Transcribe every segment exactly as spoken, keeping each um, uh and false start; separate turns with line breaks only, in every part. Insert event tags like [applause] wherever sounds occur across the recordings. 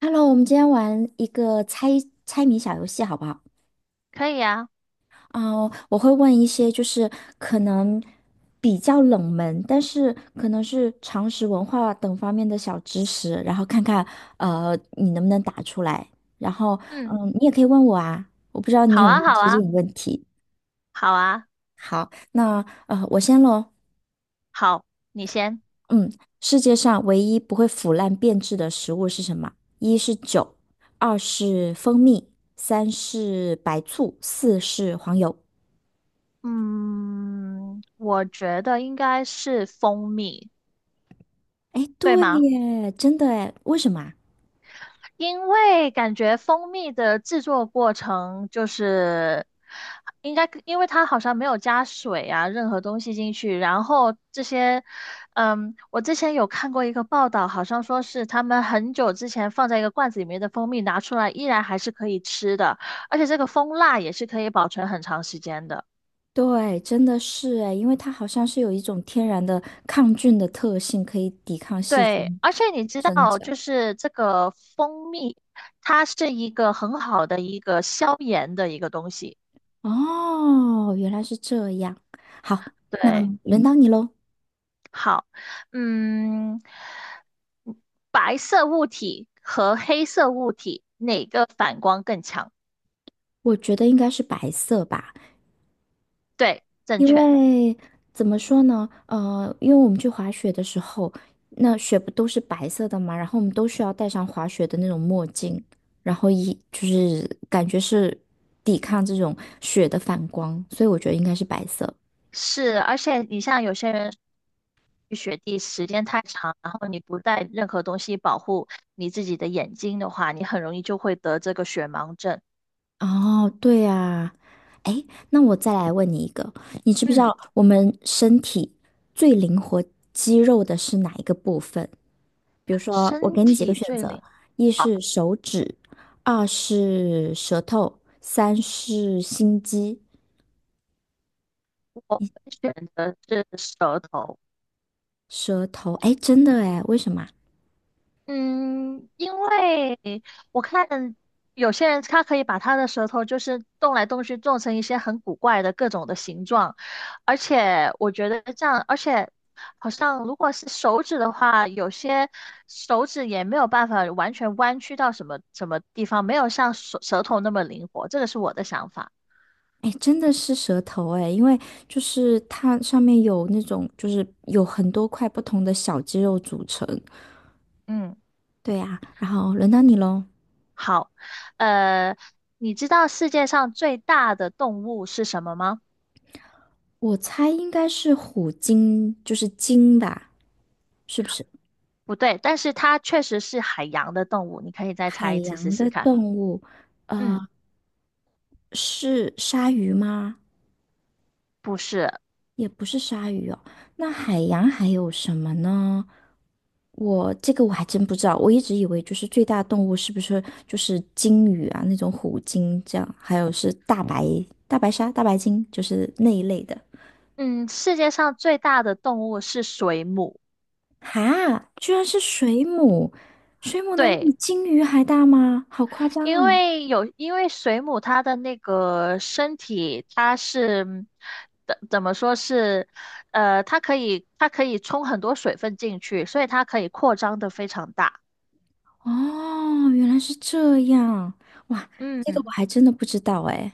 Hello，我们今天玩一个猜猜谜小游戏，好不好？
可以啊。
啊、我会问一些就是可能比较冷门，但是可能是常识、文化等方面的小知识，然后看看呃你能不能打出来。然后
嗯，
嗯，你也可以问我啊，我不知道你
好
有没
啊，
有
好
接
啊，
近问题。
好啊。
好，那呃我先喽。
好，你先。
嗯，世界上唯一不会腐烂变质的食物是什么？一是酒，二是蜂蜜，三是白醋，四是黄油。
嗯，我觉得应该是蜂蜜，
哎，
对
对
吗？
耶，真的哎，为什么啊？
因为感觉蜂蜜的制作过程就是应该，因为它好像没有加水啊，任何东西进去。然后这些，嗯，我之前有看过一个报道，好像说是他们很久之前放在一个罐子里面的蜂蜜拿出来，依然还是可以吃的，而且这个蜂蜡也是可以保存很长时间的。
对，真的是哎，因为它好像是有一种天然的抗菌的特性，可以抵抗细
对，
菌
而且你知
生
道，
长。
就是这个蜂蜜，它是一个很好的一个消炎的一个东西。
哦，原来是这样。好，那
对。
轮到你喽。
好。嗯，白色物体和黑色物体哪个反光更强？
我觉得应该是白色吧。
对，正
因
确。
为怎么说呢？呃，因为我们去滑雪的时候，那雪不都是白色的嘛，然后我们都需要戴上滑雪的那种墨镜，然后一就是感觉是抵抗这种雪的反光，所以我觉得应该是白色。
是，而且你像有些人去雪地时间太长，然后你不带任何东西保护你自己的眼睛的话，你很容易就会得这个雪盲症。
哦，对啊，哎，那我再来问你一个，你知不知
嗯，
道我们身体最灵活肌肉的是哪一个部分？比如说，我
身
给你几个
体
选
最
择：
灵，
一是手指，二是舌头，三是心肌。
我会选择是舌头。
舌头，哎，真的哎，为什么啊？
嗯，因为我看有些人他可以把他的舌头就是动来动去，做成一些很古怪的各种的形状，而且我觉得这样，而且好像如果是手指的话，有些手指也没有办法完全弯曲到什么什么地方，没有像舌舌头那么灵活，这个是我的想法。
哎，真的是舌头哎，因为就是它上面有那种，就是有很多块不同的小肌肉组成。
嗯，
对呀，然后轮到你喽。
好，呃，你知道世界上最大的动物是什么吗？
我猜应该是虎鲸，就是鲸吧？是不是？
不对，但是它确实是海洋的动物，你可以再
海
猜一次试
洋
试
的
看。
动物
嗯，
是鲨鱼吗？
不是。
也不是鲨鱼哦，那海洋还有什么呢？我这个我还真不知道，我一直以为就是最大动物是不是就是鲸鱼啊，那种虎鲸这样，还有是大白大白鲨、大白鲸，就是那一类的。
嗯，世界上最大的动物是水母。
哈，居然是水母，水母能比
对，
鲸鱼还大吗？好夸张
因
啊！
为有，因为水母它的那个身体，它是嗯怎怎么说是，呃，它可以它可以冲很多水分进去，所以它可以扩张的非常大。
哦，原来是这样，哇，这个我
嗯，
还真的不知道哎。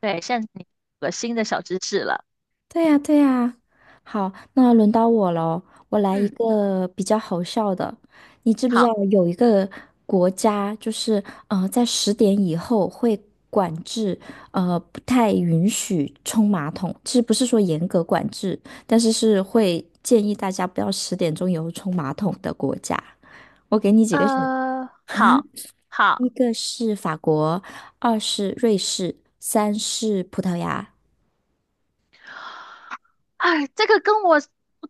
对，现在你有个新的小知识了。
对呀，对呀。好，那轮到我喽，我来一
嗯，
个比较好笑的。你知不知道
好，
有一个国家，就是呃，在十点以后会管制，呃，不太允许冲马桶。其实不是说严格管制，但是是会建议大家不要十点钟以后冲马桶的国家。我给你几个选，
呃，好，
一
好。
个是法国，二是瑞士，三是葡萄牙。
哎，这个跟我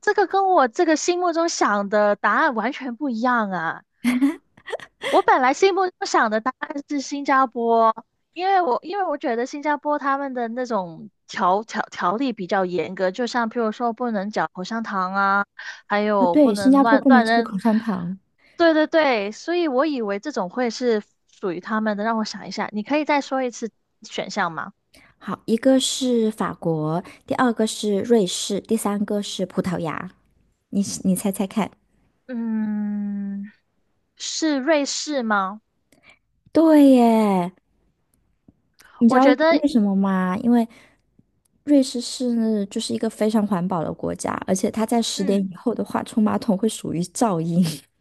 这个跟我这个心目中想的答案完全不一样啊！我本来心目中想的答案是新加坡，因为我因为我觉得新加坡他们的那种条条条例比较严格，就像譬如说不能嚼口香糖啊，还
啊，
有不
对，新
能
加坡
乱
不能
乱
吃
扔。
口香糖。
对对对，所以我以为这种会是属于他们的。让我想一下，你可以再说一次选项吗？
好，一个是法国，第二个是瑞士，第三个是葡萄牙。你你猜猜看？
嗯，是瑞士吗？
对耶，你知
我
道
觉得，
为什么吗？因为瑞士是就是一个非常环保的国家，而且它在十点
嗯，
以后的话，冲马桶会属于噪音。[laughs]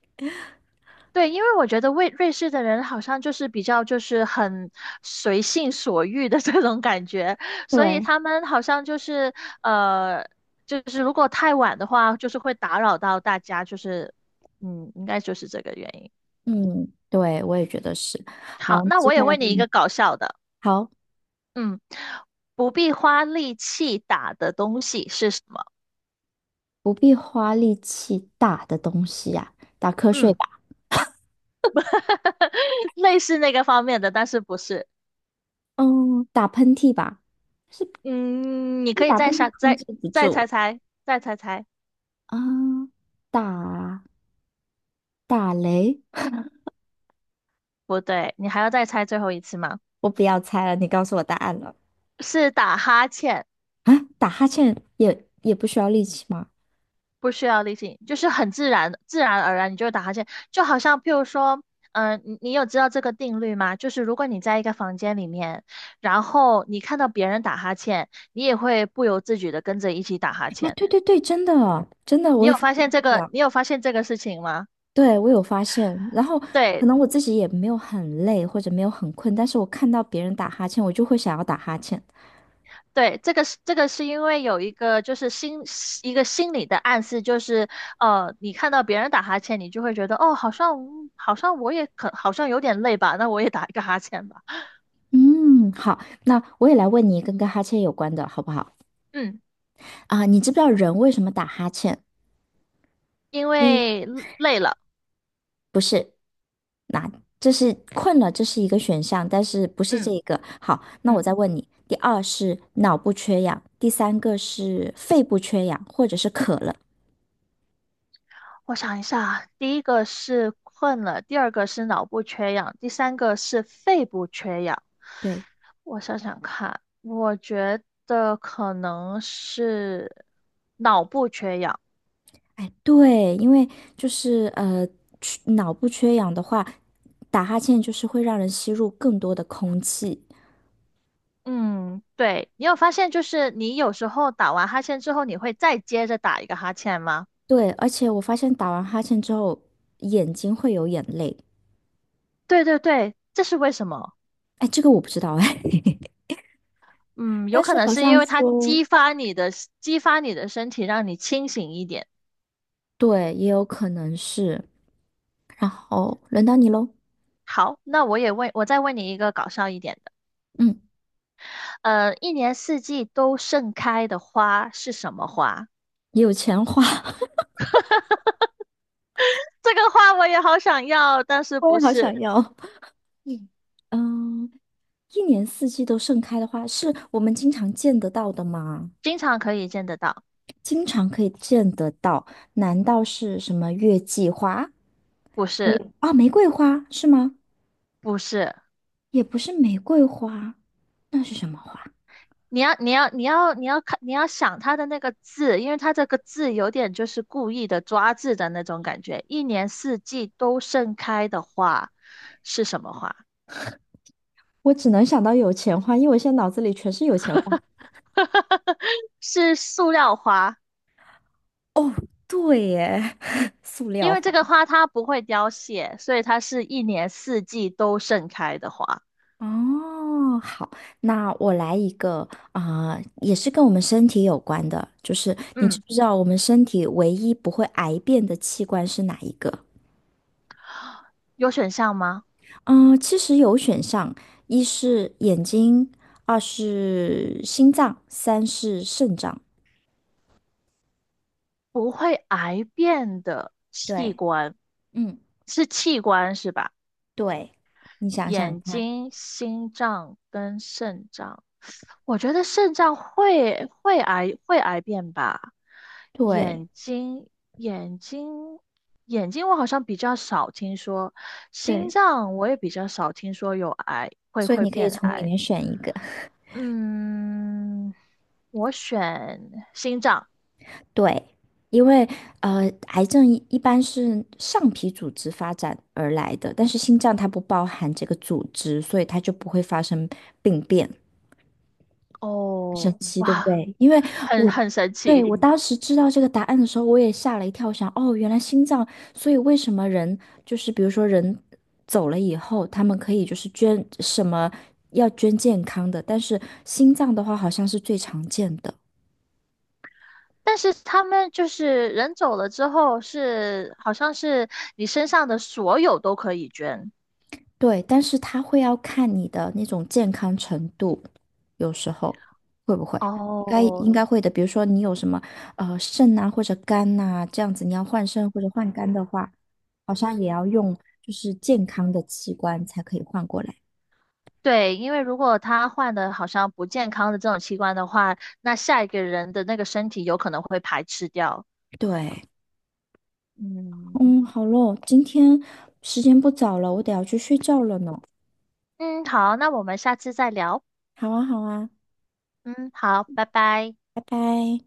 对，因为我觉得瑞瑞士的人好像就是比较就是很随性所欲的 [laughs] 这种感觉，所以
对，
他们好像就是呃，就是如果太晚的话，就是会打扰到大家，就是嗯，应该就是这个原因。
嗯，对，我也觉得是。
好，
好，
那
接
我也
下来
问
到
你一
你
个搞笑的。
好，
嗯，不必花力气打的东西是什么？
不必花力气打的东西呀、打瞌睡
嗯，
吧，
[laughs] 类似那个方面的，但是不是。
嗯，打喷嚏吧，是
嗯，你
因为
可以
打
再
喷嚏
猜，
控
再
制不
再猜
住。
猜，再猜猜，
啊，打打雷，
不对，你还要再猜最后一次吗？
我不要猜了，你告诉我答案了
是打哈欠，
啊！打哈欠也也不需要力气吗？
不需要力气，就是很自然，自然而然你就会打哈欠，就好像譬如说，嗯、你你有知道这个定律吗？就是如果你在一个房间里面，然后你看到别人打哈欠，你也会不由自主的跟着一起打哈
啊，
欠。
对对对，真的真的，我
你
也
有
发现
发现这
是这
个？
样，
你有发现这个事情吗？
对我有发现。然后可
对，
能我自己也没有很累或者没有很困，但是我看到别人打哈欠，我就会想要打哈欠。
对，这个是这个是因为有一个就是心一个心理的暗示，就是呃，你看到别人打哈欠，你就会觉得哦，好像嗯好像我也可好像有点累吧，那我也打一个哈欠吧。
嗯，好，那我也来问你一个跟哈欠有关的好不好？
嗯，
啊，你知不知道人为什么打哈欠？
因为累了。
这是困了，这是一个选项，但是不是这
嗯
一个。好，那我
嗯，
再问你，第二是脑部缺氧，第三个是肺部缺氧，或者是渴了。
我想一下啊，第一个是困了，第二个是脑部缺氧，第三个是肺部缺氧。
对，
我想想看，我觉得可能是脑部缺氧。
哎，对，因为就是呃，缺脑部缺氧的话，打哈欠就是会让人吸入更多的空气。
嗯，对，你有发现就是你有时候打完哈欠之后，你会再接着打一个哈欠吗？
对，而且我发现打完哈欠之后，眼睛会有眼泪。
对对对，这是为什么？
哎，这个我不知道哎，[laughs]
嗯，有
但
可
是
能
好
是
像
因为它
说，
激发你的激发你的身体，让你清醒一点。
对，也有可能是。然后轮到你喽。
好，那我也问，我再问你一个搞笑一点的。
嗯。
呃，一年四季都盛开的花是什么花？
有钱花，[laughs]
这个花我也好想要，但是
我
不
也好想
是
要。[laughs] 嗯，嗯，一年四季都盛开的花，是我们经常见得到的吗？
经常可以见得到？
经常可以见得到，难道是什么月季花？
不
玫
是，
啊，玫瑰花是吗？
不是。
也不是玫瑰花，那是什么花？
你要你要你要你要看你要想它的那个字，因为它这个字有点就是故意的抓字的那种感觉。一年四季都盛开的花是什么花？
我只能想到有钱花，因为我现在脑子里全是有钱花。
[laughs] 是塑料花，
哦，对耶，[laughs] 塑
因
料
为这个
花。
花它不会凋谢，所以它是一年四季都盛开的花。
哦，好，那我来一个啊、也是跟我们身体有关的，就是你知
嗯，
不知道我们身体唯一不会癌变的器官是哪一个？
有选项吗？
嗯、其实有选项，一是眼睛，二是心脏，三是肾脏。
不会癌变的器
对，
官
嗯，
是器官是吧？
对，你想想
眼
看，
睛、心脏跟肾脏。我觉得肾脏会会癌会癌变吧，
对
眼睛眼睛眼睛我好像比较少听说，心
对，
脏我也比较少听说有癌会
所以
会
你可以
变
从里
癌。
面选一个。
嗯，我选心脏。
对，因为呃，癌症一一般是上皮组织发展而来的，但是心脏它不包含这个组织，所以它就不会发生病变。神
哦，
奇，对不
哇，
对？因为
很
我
很神
对，
奇。
我当时知道这个答案的时候，我也吓了一跳，想哦，原来心脏，所以为什么人就是比如说人走了以后，他们可以就是捐什么要捐健康的，但是心脏的话好像是最常见的。
但是他们就是人走了之后是好像是你身上的所有都可以捐。
对，但是他会要看你的那种健康程度，有时候会不会？应该
哦，
应该会的。比如说你有什么呃肾啊或者肝呐、这样子，你要换肾或者换肝的话，好像也要用就是健康的器官才可以换过来。
对，因为如果他换的好像不健康的这种器官的话，那下一个人的那个身体有可能会排斥掉。
对，
嗯
嗯，好咯，今天时间不早了，我得要去睡觉了呢。
嗯，好，那我们下次再聊。
好啊，好啊，
嗯，好，拜拜。
拜拜。